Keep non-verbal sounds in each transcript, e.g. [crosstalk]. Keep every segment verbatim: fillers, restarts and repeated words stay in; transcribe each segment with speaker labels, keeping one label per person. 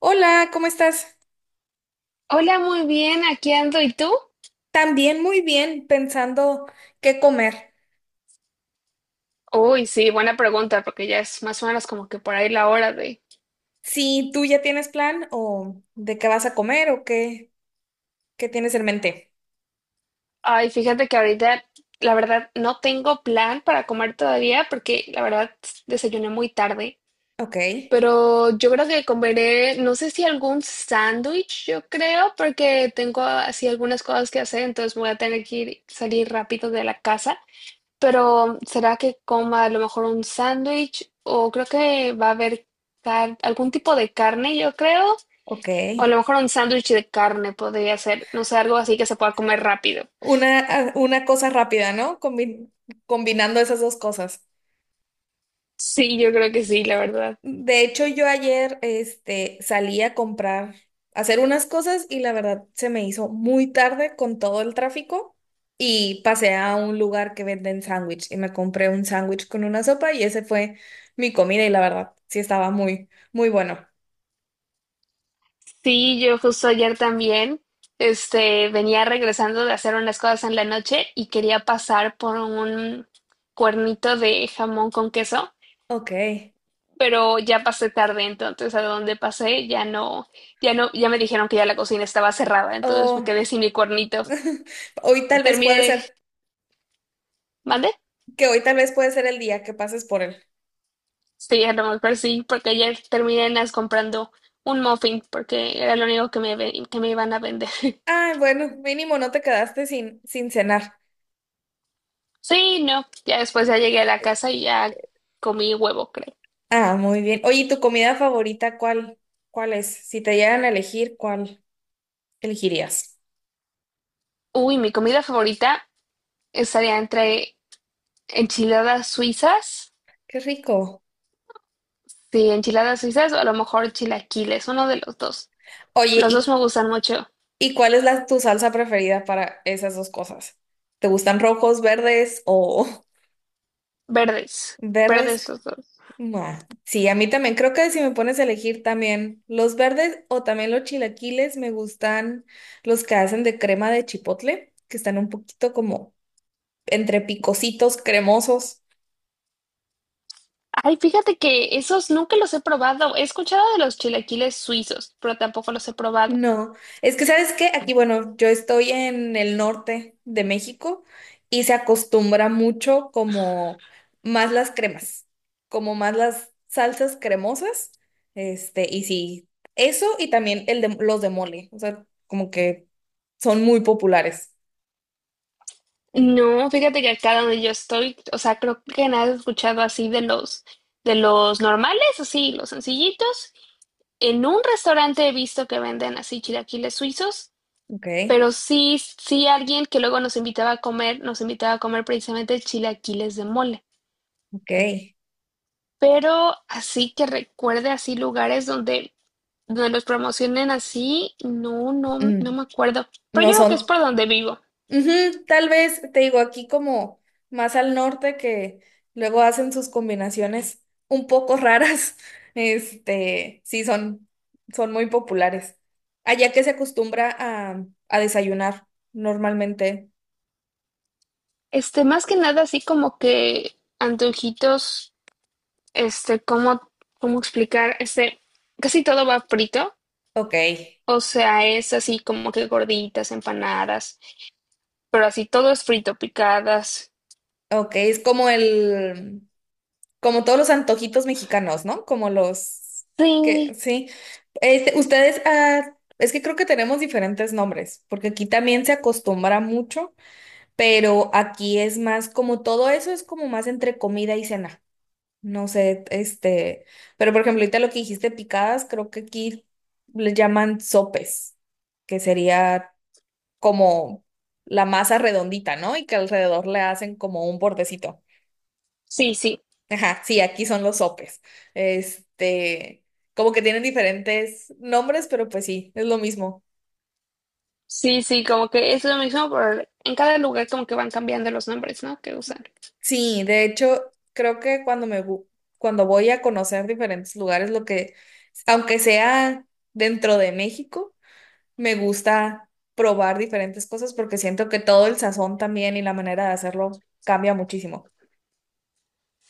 Speaker 1: Hola, ¿cómo estás?
Speaker 2: Hola, muy bien, aquí ando. ¿Y tú?
Speaker 1: También muy bien, pensando qué comer.
Speaker 2: Uy, sí, buena pregunta, porque ya es más o menos como que por ahí la hora de...
Speaker 1: Si tú ya tienes plan o de qué vas a comer o qué, qué tienes en mente.
Speaker 2: Ay, fíjate que ahorita, la verdad, no tengo plan para comer todavía, porque la verdad desayuné muy tarde.
Speaker 1: Ok,
Speaker 2: Pero yo creo que comeré, no sé si algún sándwich, yo creo, porque tengo así algunas cosas que hacer, entonces voy a tener que ir- salir rápido de la casa. Pero ¿será que coma a lo mejor un sándwich? O creo que va a haber car- algún tipo de carne, yo creo.
Speaker 1: ok.
Speaker 2: O a lo mejor un sándwich de carne podría ser. No sé, algo así que se pueda comer rápido.
Speaker 1: Una, ah, una cosa rápida, ¿no? Combi- combinando esas dos cosas.
Speaker 2: Sí, yo creo que sí, la verdad.
Speaker 1: De hecho, yo ayer este, salí a comprar, a hacer unas cosas y la verdad se me hizo muy tarde con todo el tráfico y pasé a un lugar que venden sándwich y me compré un sándwich con una sopa y ese fue mi comida y la verdad sí estaba muy, muy bueno.
Speaker 2: Sí, yo justo ayer también, este, venía regresando de hacer unas cosas en la noche y quería pasar por un cuernito de jamón con queso.
Speaker 1: Ok.
Speaker 2: Pero ya pasé tarde, entonces a donde pasé ya no, ya no, ya me dijeron que ya la cocina estaba cerrada, entonces me
Speaker 1: Oh,
Speaker 2: quedé sin mi cuernito.
Speaker 1: [laughs] hoy tal vez puede
Speaker 2: Terminé,
Speaker 1: ser,
Speaker 2: ¿mande?
Speaker 1: que hoy tal vez puede ser el día que pases por él.
Speaker 2: Sí, a lo mejor sí, porque ayer terminé en las comprando un muffin, porque era lo único que me, ve- que me iban a vender. [laughs]
Speaker 1: Ah, bueno, mínimo no te quedaste sin, sin cenar.
Speaker 2: Sí, no, ya después ya llegué a la casa y ya comí huevo, creo.
Speaker 1: Ah, muy bien. Oye, ¿y tu comida favorita cuál? ¿Cuál es? Si te dieran a elegir, ¿cuál elegirías?
Speaker 2: Uy, mi comida favorita estaría entre enchiladas suizas,
Speaker 1: Qué rico.
Speaker 2: sí, enchiladas suizas o a lo mejor chilaquiles, uno de los dos.
Speaker 1: Oye,
Speaker 2: Los dos me
Speaker 1: ¿y,
Speaker 2: gustan mucho.
Speaker 1: y cuál es la, tu salsa preferida para esas dos cosas? ¿Te gustan rojos, verdes o [laughs]
Speaker 2: Verdes,
Speaker 1: verdes?
Speaker 2: verdes los dos.
Speaker 1: Nah. Sí, a mí también. Creo que si me pones a elegir también los verdes o también los chilaquiles, me gustan los que hacen de crema de chipotle, que están un poquito como entre picositos, cremosos.
Speaker 2: Ay, fíjate que esos nunca los he probado. He escuchado de los chilaquiles suizos, pero tampoco los he probado.
Speaker 1: No, es que sabes que aquí, bueno, yo estoy en el norte de México y se acostumbra mucho como más las cremas, como más las salsas cremosas, este, y sí, eso y también el de, los de mole, o sea, como que son muy populares.
Speaker 2: No, fíjate que acá donde yo estoy, o sea, creo que nada he escuchado así de los, de los normales, así, los sencillitos. En un restaurante he visto que venden así chilaquiles suizos,
Speaker 1: Ok,
Speaker 2: pero sí, sí alguien que luego nos invitaba a comer, nos invitaba a comer precisamente chilaquiles de mole.
Speaker 1: ok.
Speaker 2: Pero así que recuerde así lugares donde donde los promocionen así, no, no, no
Speaker 1: Mm,
Speaker 2: me acuerdo. Pero
Speaker 1: no
Speaker 2: yo creo que es
Speaker 1: son.
Speaker 2: por donde vivo.
Speaker 1: Ujú, tal vez, te digo, aquí como más al norte que luego hacen sus combinaciones un poco raras, [laughs] este, sí son, son muy populares. Allá que se acostumbra a, a desayunar normalmente.
Speaker 2: Este, más que nada, así como que antojitos, este, cómo, cómo explicar, este, casi todo va frito.
Speaker 1: Ok,
Speaker 2: O sea, es así como que gorditas, empanadas, pero así todo es frito, picadas.
Speaker 1: ok, es como el, como todos los antojitos mexicanos, ¿no? Como los que,
Speaker 2: Sí,
Speaker 1: sí. Este, ustedes, ah, es que creo que tenemos diferentes nombres, porque aquí también se acostumbra mucho, pero aquí es más como todo eso es como más entre comida y cena. No sé, este, pero por ejemplo, ahorita lo que dijiste picadas, creo que aquí le llaman sopes, que sería como la masa redondita, ¿no? Y que alrededor le hacen como un bordecito.
Speaker 2: sí, sí,
Speaker 1: Ajá, sí, aquí son los sopes. Este, como que tienen diferentes nombres, pero pues sí, es lo mismo.
Speaker 2: sí, sí, como que es lo mismo, pero en cada lugar como que van cambiando los nombres, ¿no? Que usan.
Speaker 1: Sí, de hecho, creo que cuando me bu- cuando voy a conocer diferentes lugares, lo que, aunque sea dentro de México, me gusta probar diferentes cosas porque siento que todo el sazón también y la manera de hacerlo cambia muchísimo.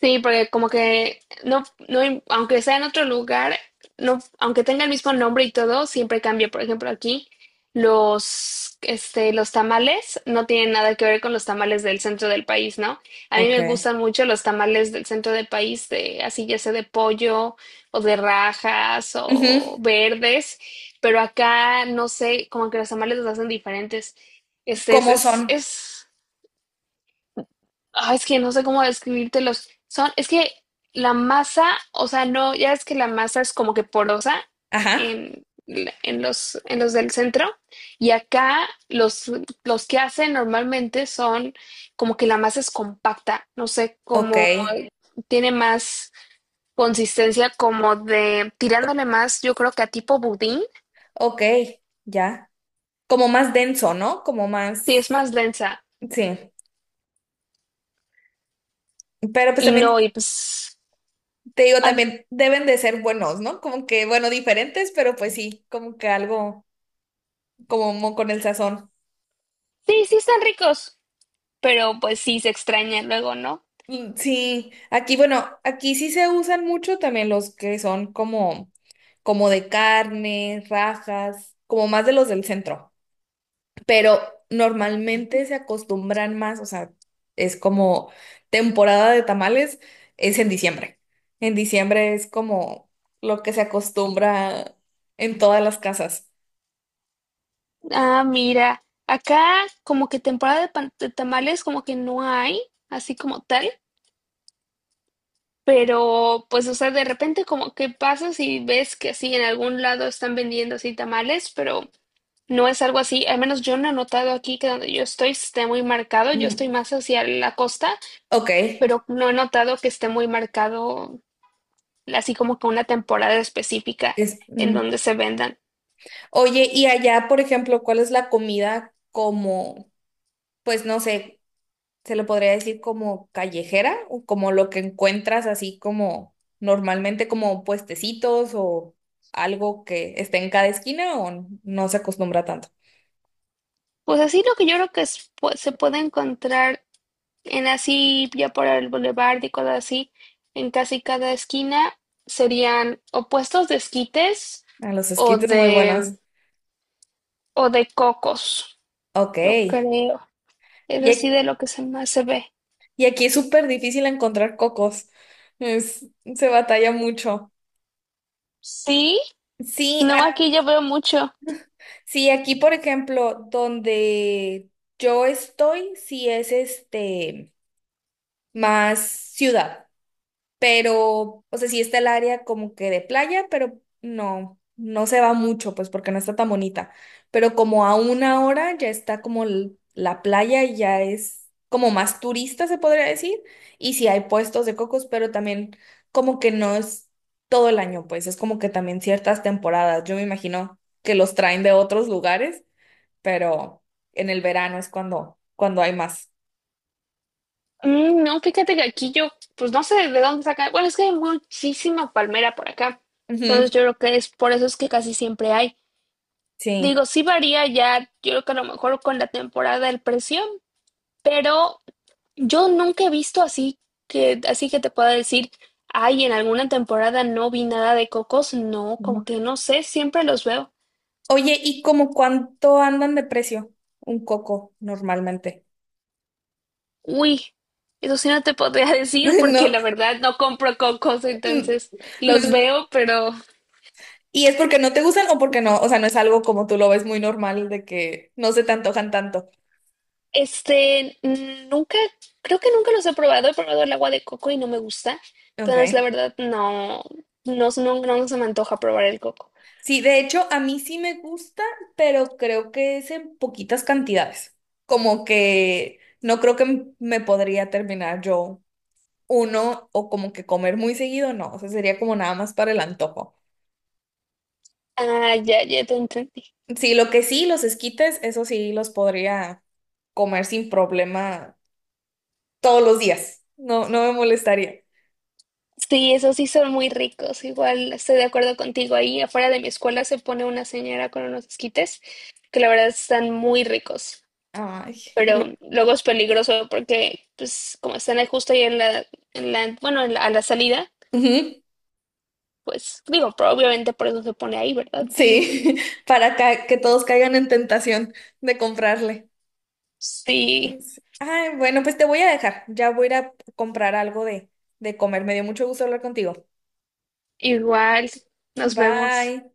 Speaker 2: Sí, porque como que no, no, im- aunque sea en otro lugar, no, aunque tenga el mismo nombre y todo, siempre cambia. Por ejemplo, aquí los, este, los tamales no tienen nada que ver con los tamales del centro del país, ¿no? A mí
Speaker 1: Ok.
Speaker 2: me gustan mucho los tamales del centro del país, de, así ya sea de pollo o de rajas o
Speaker 1: Ujú,
Speaker 2: verdes, pero acá no sé, como que los tamales los hacen diferentes. Este es,
Speaker 1: ¿cómo
Speaker 2: es,
Speaker 1: son?
Speaker 2: es Ah, es que no sé cómo describírtelos. Son, es que la masa, o sea, no, ya es que la masa es como que porosa
Speaker 1: Ajá.
Speaker 2: en, la- en los, en los del centro. Y acá los, los que hacen normalmente son como que la masa es compacta. No sé
Speaker 1: Ok.
Speaker 2: cómo tiene más consistencia, como de
Speaker 1: Co-
Speaker 2: tirándole más, yo creo que a tipo budín,
Speaker 1: Ok, ya. Como más denso, ¿no? Como
Speaker 2: sí es
Speaker 1: más.
Speaker 2: más densa.
Speaker 1: Sí. Pero pues
Speaker 2: Y no,
Speaker 1: también
Speaker 2: y pues,
Speaker 1: te digo,
Speaker 2: and-
Speaker 1: también deben de ser buenos, ¿no? Como que, bueno, diferentes, pero pues sí, como que algo como con el sazón.
Speaker 2: sí, sí están ricos, pero pues sí se extraña luego, ¿no?
Speaker 1: Mm, sí, aquí, bueno, aquí sí se usan mucho también los que son como, como de carne, rajas, como más de los del centro, pero normalmente se acostumbran más, o sea, es como temporada de tamales, es en diciembre. En diciembre es como lo que se acostumbra en todas las casas.
Speaker 2: Ah, mira, acá como que temporada de, pan- de tamales como que no hay, así como tal, pero pues o sea, de repente como que pasas y ves que así en algún lado están vendiendo así tamales, pero no es algo así, al menos yo no he notado aquí que donde yo estoy esté muy marcado, yo estoy
Speaker 1: Mm,
Speaker 2: más hacia la costa,
Speaker 1: ok,
Speaker 2: pero no he notado que esté muy marcado así como que una temporada específica
Speaker 1: es,
Speaker 2: en
Speaker 1: mm.
Speaker 2: donde se vendan.
Speaker 1: Oye, y allá, por ejemplo, ¿cuál es la comida como, pues no sé, se le podría decir como callejera o como lo que encuentras así como normalmente como puestecitos o algo que esté en cada esquina o no se acostumbra tanto?
Speaker 2: Pues así lo que yo creo que es- pues, se puede encontrar en así, ya por el boulevard y cosas así, en casi cada esquina serían o puestos de esquites
Speaker 1: A los
Speaker 2: o
Speaker 1: esquites muy buenos.
Speaker 2: de, o de cocos,
Speaker 1: Ok.
Speaker 2: yo
Speaker 1: Y,
Speaker 2: creo. Es así de
Speaker 1: ac-
Speaker 2: lo que se más se ve.
Speaker 1: y aquí es súper difícil encontrar cocos. Es- se batalla mucho.
Speaker 2: Sí,
Speaker 1: Sí,
Speaker 2: no, aquí yo veo mucho.
Speaker 1: sí, aquí, por ejemplo, donde yo estoy, sí es este más ciudad, pero, o sea, sí está el área como que de playa, pero no, no se va mucho, pues porque no está tan bonita. Pero como a una hora ya está como l- la playa y ya es como más turista, se podría decir, y sí hay puestos de cocos, pero también como que no es todo el año, pues es como que también ciertas temporadas, yo me imagino que los traen de otros lugares, pero en el verano es cuando, cuando hay más.
Speaker 2: Mm, no, fíjate que aquí yo, pues no sé de dónde sacan. Bueno, es que hay muchísima palmera por acá. Entonces
Speaker 1: Ujú,
Speaker 2: yo creo que es por eso es que casi siempre hay.
Speaker 1: sí.
Speaker 2: Digo, sí varía ya, yo creo que a lo mejor con la temporada el precio, pero Yo nunca he visto así que, así que te pueda decir, ay, en alguna temporada no vi nada de cocos. No, como
Speaker 1: No.
Speaker 2: que no sé, siempre los veo.
Speaker 1: Oye, ¿y como cuánto andan de precio un coco normalmente?
Speaker 2: Uy, eso sí no te podría [laughs] decir
Speaker 1: [laughs]
Speaker 2: porque
Speaker 1: ¿No?
Speaker 2: la verdad no compro cocos,
Speaker 1: Mm,
Speaker 2: entonces
Speaker 1: no
Speaker 2: los
Speaker 1: es-
Speaker 2: veo, pero
Speaker 1: ¿y es porque no te gustan o porque no? O sea, no es algo como tú lo ves muy normal de que no se te antojan tanto.
Speaker 2: este, mm, nunca, creo que nunca los he probado. He probado el agua de coco y no me gusta. Entonces, la
Speaker 1: Ok.
Speaker 2: verdad, no, no, no, no se me antoja probar el coco.
Speaker 1: Sí, de hecho, a mí sí me gusta, pero creo que es en poquitas cantidades. Como que no creo que m- me podría terminar yo uno o como que comer muy seguido, no, o sea, sería como nada más para el antojo.
Speaker 2: Ah, ya, ya te entendí.
Speaker 1: Sí, lo que sí, los esquites, eso sí los podría comer sin problema todos los días. No, no me molestaría.
Speaker 2: Sí, esos sí son muy ricos. Igual estoy de acuerdo contigo. Ahí afuera de mi escuela se pone una señora con unos esquites que la verdad están muy ricos.
Speaker 1: Ay.
Speaker 2: Pero luego es peligroso porque, pues, como están ahí justo ahí en la, en la, bueno, en la- a la salida,
Speaker 1: Ujú,
Speaker 2: pues, digo, pero obviamente por eso se pone ahí, ¿verdad? [laughs]
Speaker 1: sí, [laughs] para ca- que todos caigan en tentación de comprarle.
Speaker 2: Sí,
Speaker 1: Sí. Ay, bueno, pues te voy a dejar. Ya voy a ir a comprar algo de, de comer. Me dio mucho gusto hablar contigo.
Speaker 2: igual. Nos vemos.
Speaker 1: Bye.